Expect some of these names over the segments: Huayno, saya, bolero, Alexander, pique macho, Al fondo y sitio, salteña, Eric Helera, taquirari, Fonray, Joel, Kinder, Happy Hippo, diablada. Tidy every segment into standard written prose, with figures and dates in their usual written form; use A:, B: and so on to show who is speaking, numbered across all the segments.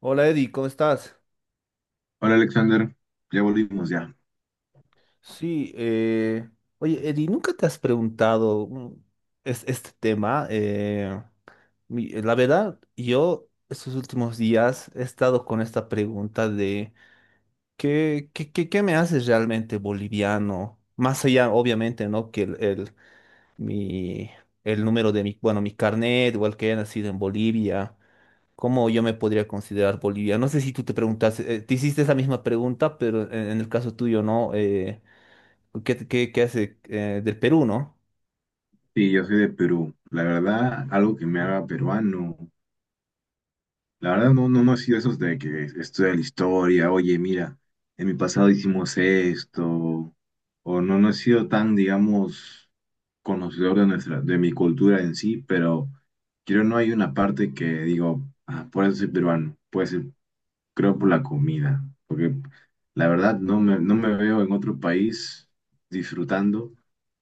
A: Hola Eddie, ¿cómo estás?
B: Hola Alexander, ya volvimos ya.
A: Sí, oye Eddie, ¿nunca te has preguntado este tema? La verdad, yo estos últimos días he estado con esta pregunta de ¿qué, qué me haces realmente boliviano? Más allá, obviamente, ¿no? Que mi, el número de mi, bueno, mi carnet, igual que haya nacido en Bolivia. ¿Cómo yo me podría considerar boliviano? No sé si tú te preguntas, te hiciste esa misma pregunta, pero en el caso tuyo, ¿no? ¿Qué, qué hace del Perú, ¿no?
B: Sí, yo soy de Perú. La verdad, algo que me haga peruano. La verdad, no, no, ha sido esos de que estudia la historia, oye, mira, en mi pasado hicimos esto, o no, no he sido tan, digamos, conocedor de de mi cultura en sí, pero creo no hay una parte que digo, ah, por eso soy peruano, puede ser, creo por la comida, porque la verdad no me veo en otro país disfrutando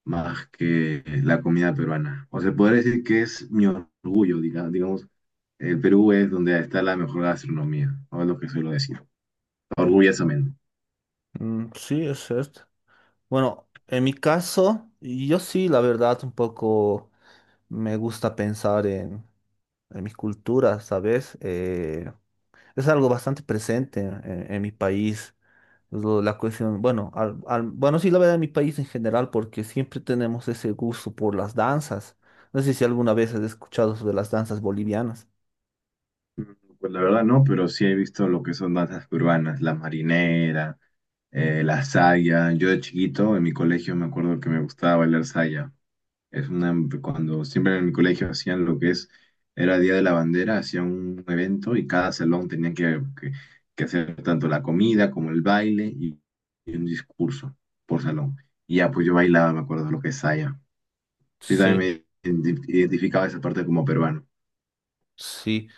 B: más que la comida peruana. O sea, podría decir que es mi orgullo, digamos, el Perú es donde está la mejor gastronomía, o es lo que suelo decir, orgullosamente.
A: Mm, sí, es cierto. Bueno, en mi caso, yo sí, la verdad, un poco me gusta pensar en mi cultura, ¿sabes? Es algo bastante presente en mi país. La cuestión, bueno, bueno, sí la verdad en mi país en general, porque siempre tenemos ese gusto por las danzas. No sé si alguna vez has escuchado sobre las danzas bolivianas.
B: Pues la verdad no, pero sí he visto lo que son danzas peruanas, la marinera, la saya. Yo de chiquito en mi colegio me acuerdo que me gustaba bailar saya. Es una, cuando siempre en mi colegio hacían lo que es, era Día de la Bandera, hacían un evento y cada salón tenía que hacer tanto la comida como el baile y un discurso por salón. Y ya, pues yo bailaba, me acuerdo lo que es saya. Sí,
A: Sí,
B: también me identificaba esa parte como peruano.
A: sí.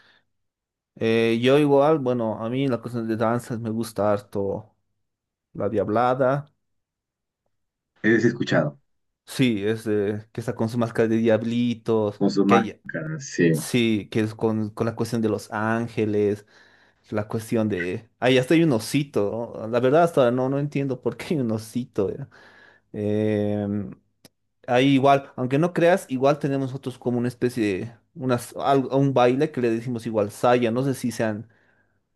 A: Yo igual, bueno, a mí la cuestión de danzas me gusta harto la diablada.
B: Es escuchado,
A: Sí, que está con su máscara de diablitos,
B: con sus
A: que hay,
B: máscaras sí,
A: sí, que es con la cuestión de los ángeles, la cuestión de... Ahí hasta hay un osito, ¿no? La verdad hasta ahora no, no entiendo por qué hay un osito. Em, ahí igual, aunque no creas, igual tenemos nosotros como una especie de unas, un baile que le decimos igual saya. No sé si sean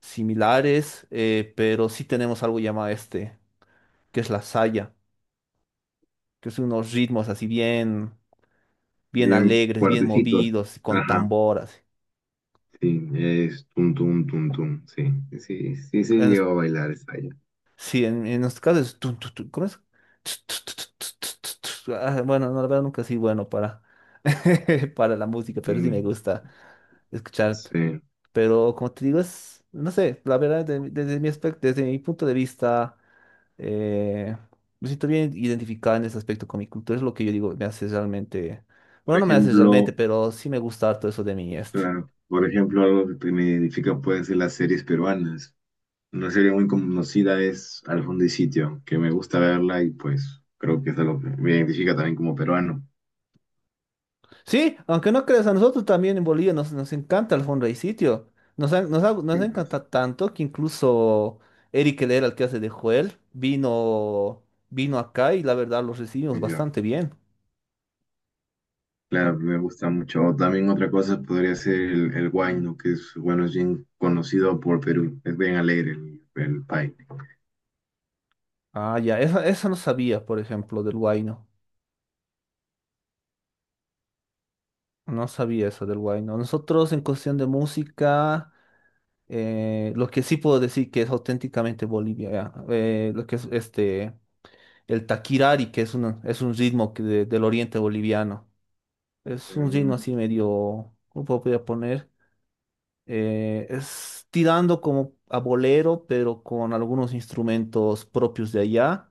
A: similares, pero sí tenemos algo llamado este, que es la saya, que son unos ritmos así bien, bien
B: bien
A: alegres, bien
B: fuertecitos.
A: movidos, con
B: Ajá,
A: tamboras.
B: sí, es tum, tum, tum, tum, sí. Sí, sí, se
A: En, nues-
B: llegó a bailar saya.
A: sí, en nuestro caso es tun, tun, tun, ¿cómo es? Ts, ts, ts, ts, ts, ts, ts, ts. Ah, bueno, no, la verdad nunca sí bueno para, para la música, pero sí me
B: Mm,
A: gusta escuchar.
B: sí.
A: Pero como te digo, es, no sé, la verdad, desde mi aspecto, desde mi punto de vista, eh, me siento bien identificado en ese aspecto con mi cultura. Es lo que yo digo, me hace realmente,
B: Por
A: bueno, no me hace realmente,
B: ejemplo,
A: pero sí me gusta todo eso de mi este.
B: claro. Por ejemplo, algo que me identifica puede ser las series peruanas. Una serie muy conocida es Al fondo y sitio, que me gusta verla y pues creo que es algo que me identifica también como peruano.
A: Sí, aunque no creas, a nosotros también en Bolivia nos, nos encanta el Fonray sitio. Nos
B: Y, pues,
A: encanta tanto que incluso Eric Helera, el que hace de Joel, vino, vino acá y la verdad los recibimos
B: y yo,
A: bastante bien.
B: claro, me gusta mucho. O también otra cosa podría ser el huayno, que es, bueno, es bien conocido por Perú. Es bien alegre el país.
A: Ah, ya, eso no sabía, por ejemplo, del Huayno. No sabía eso del Huayno. Nosotros en cuestión de música, lo que sí puedo decir que es auténticamente Bolivia, ya, lo que es este, el taquirari, que es un ritmo que del oriente boliviano. Es un ritmo
B: Mm.
A: así medio, ¿cómo podría poner? Es tirando como a bolero, pero con algunos instrumentos propios de allá.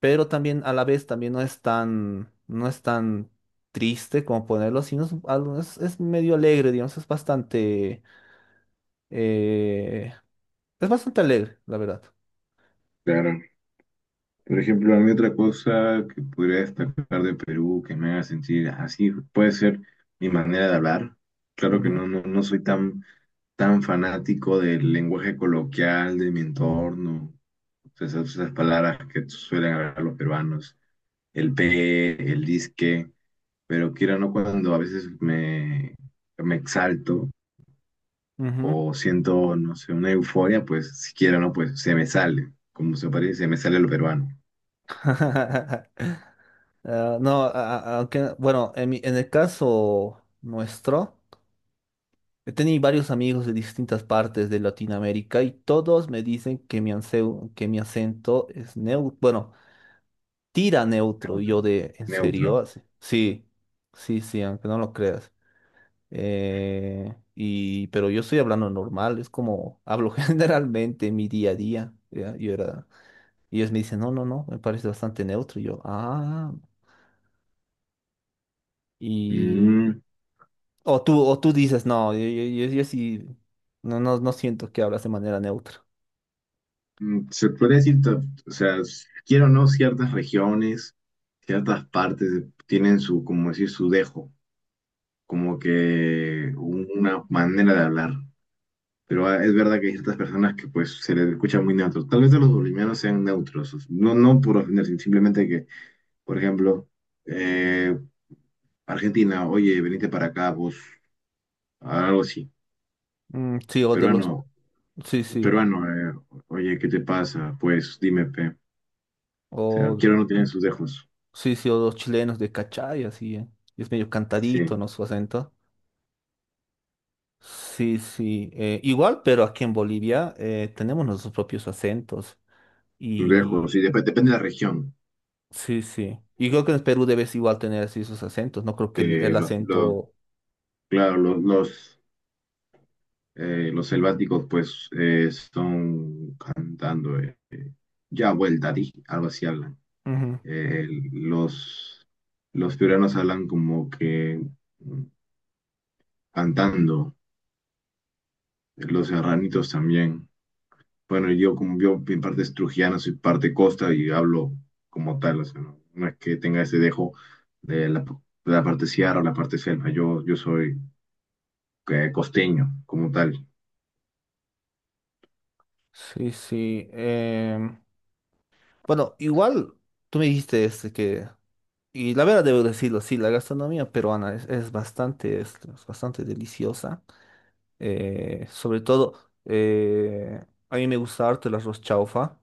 A: Pero también a la vez también no es tan, no es tan triste como ponerlo, sino es, es medio alegre, digamos, eh, es bastante alegre, la verdad.
B: Claro. Por ejemplo, a mí otra cosa que podría destacar de Perú que me haga sentir así puede ser mi manera de hablar. Claro que
A: Ujú,
B: no, no, no soy tan, tan fanático del lenguaje coloquial de mi entorno, esas, esas palabras que suelen hablar los peruanos, el pe, el disque, pero quiero no cuando a veces me exalto
A: ujú.
B: o siento, no sé, una euforia, pues si quiero no, pues se me sale, como se parece, se me sale lo peruano.
A: Ah, no, aunque, bueno, en el caso nuestro, he tenido varios amigos de distintas partes de Latinoamérica y todos me dicen que mi, que mi acento es neutro, tira neutro. Y
B: Neutro.
A: yo de, ¿en serio?
B: Neutro.
A: Así, sí, sí, sí, aunque no lo creas. Pero yo estoy hablando normal, es como hablo generalmente en mi día a día. ¿Ya? Yo era, y ellos me dicen, no, no, no, me parece bastante neutro. Y yo, ah, y...
B: Mm,
A: O tú dices, no, yo sí, no, no, no siento que hablas de manera neutra.
B: mm, se podría decir, ta- o sea, s- quiero o no, ciertas regiones, ciertas tienen su, como decir, su dejo, como que una manera de hablar. Pero ah, es verdad que hay ciertas personas que pues se les escucha muy neutros. Tal vez a los bolivianos sean neutros, o- no, no por ofender, sino simplemente que, por ejemplo, eh, Argentina, oye, venite para acá, vos, algo así.
A: Mm, sí, o de los,
B: Peruano,
A: sí, sí,
B: peruano, oye, ¿qué te pasa? Pues dime, pe. O sea,
A: o
B: quiero o no tienen sus dejos.
A: sí, sí, o los chilenos de Cachai, así, es medio cantadito,
B: Sí,
A: ¿no? Su acento. Sí, sí, igual, pero aquí en Bolivia tenemos nuestros propios acentos
B: lejos.
A: y
B: Y depende de la región.
A: sí, sí. Y creo que en Perú debes igual tener así sus acentos, no creo que
B: Eh,
A: el
B: lo- lo-
A: acento...
B: claro, los selváticos pues son cantando ya vuelta di, algo así hablan.
A: Ujú.
B: Eh, los, los piuranos hablan como que mm, cantando. Los serranitos también. Bueno, yo como yo en parte es trujillano, soy parte costa y hablo como tal. O sea, no, no es que tenga ese dejo de de la parte sierra o la parte selva. Yo soy costeño como tal.
A: Sí, sí. Bueno, igual tú me dijiste este que, y la verdad debo decirlo, sí, la gastronomía peruana es bastante deliciosa. Sobre todo, eh, a mí me gusta harto el arroz chaufa.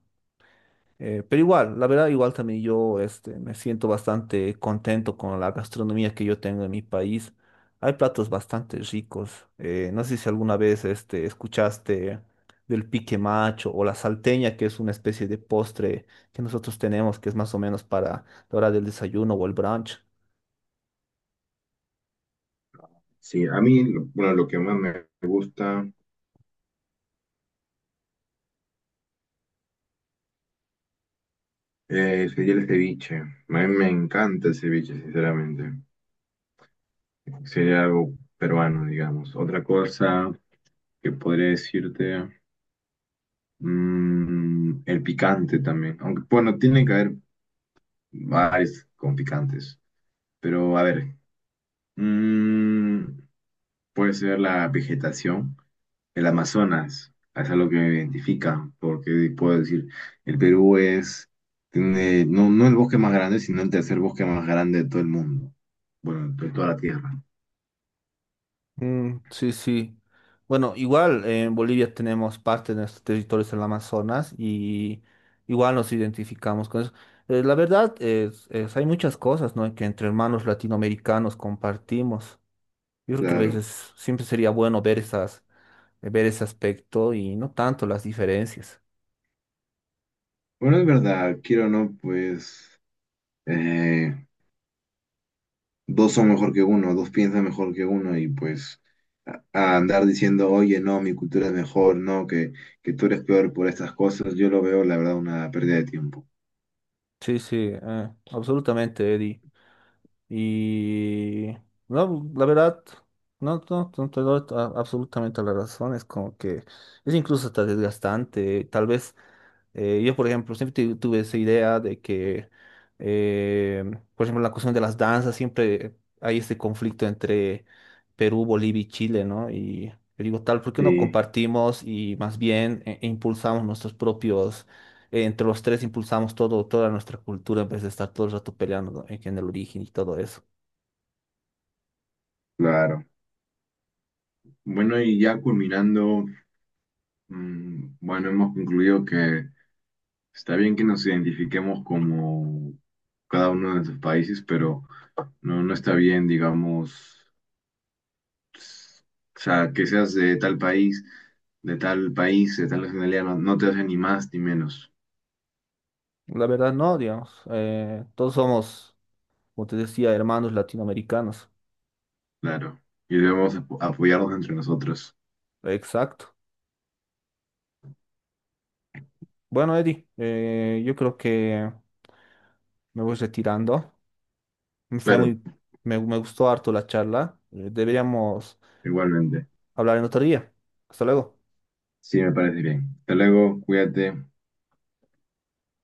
A: Pero igual, la verdad, igual también yo este, me siento bastante contento con la gastronomía que yo tengo en mi país. Hay platos bastante ricos. No sé si alguna vez este, escuchaste del pique macho o la salteña, que es una especie de postre que nosotros tenemos, que es más o menos para la hora del desayuno o el brunch.
B: Sí, a mí, lo- bueno, lo que más me gusta sería el ceviche. A mí me encanta el ceviche, sinceramente. Sería algo peruano, digamos. Otra cosa que podría decirte, mm, el picante también. Aunque, bueno, tiene que haber varios con picantes. Pero, a ver, mm, puede ser la vegetación. El Amazonas, es algo que me identifica, porque puedo decir, el Perú es, tiene, no, no el bosque más grande, sino el tercer bosque más grande de todo el mundo. Bueno, de toda la Tierra.
A: Mm, sí, sí. Bueno, igual en Bolivia tenemos parte de nuestros territorios en el Amazonas y igual nos identificamos con eso. La verdad es, hay muchas cosas, ¿no? que entre hermanos latinoamericanos compartimos. Yo creo que a
B: Claro.
A: veces siempre sería bueno ver esas, ver ese aspecto y no tanto las diferencias.
B: Bueno, es verdad, quiero o no, pues eh, dos son mejor que uno, dos piensan mejor que uno y pues a andar diciendo, oye, no, mi cultura es mejor, no, que tú eres peor por estas cosas, yo lo veo, la verdad, una pérdida de tiempo.
A: Sí, sí, absolutamente, Eddie. Y no, la verdad, no, no, no te doy absolutamente la razón. Es como que es incluso hasta desgastante. Tal vez yo, por ejemplo, siempre tuve esa idea de que, eh, por ejemplo, en la cuestión de las danzas, siempre hay este conflicto entre Perú, Bolivia y Chile, ¿no? Y yo digo, tal, ¿por qué no
B: Sí,
A: compartimos y más bien impulsamos nuestros propios entre los tres impulsamos todo, toda nuestra cultura en vez de estar todo el rato peleando ¿no? En el origen y todo eso.
B: claro. Bueno, y ya culminando. Mm, bueno, hemos concluido que está bien que nos identifiquemos como cada uno de nuestros países, pero no, no está bien, digamos, s- o sea, que seas de tal país, de tal país, de tal nacionalidad, no, no te hace ni más ni menos,
A: La verdad, no, digamos. Todos somos, como te decía, hermanos latinoamericanos.
B: claro. Y debemos apoyarnos entre nosotros.
A: Exacto. Bueno, Eddie, yo creo que me voy retirando. Fue
B: Claro,
A: muy, me gustó harto la charla. Deberíamos
B: igualmente.
A: hablar en otro día. Hasta luego.
B: Sí, me parece bien. Hasta luego, cuídate.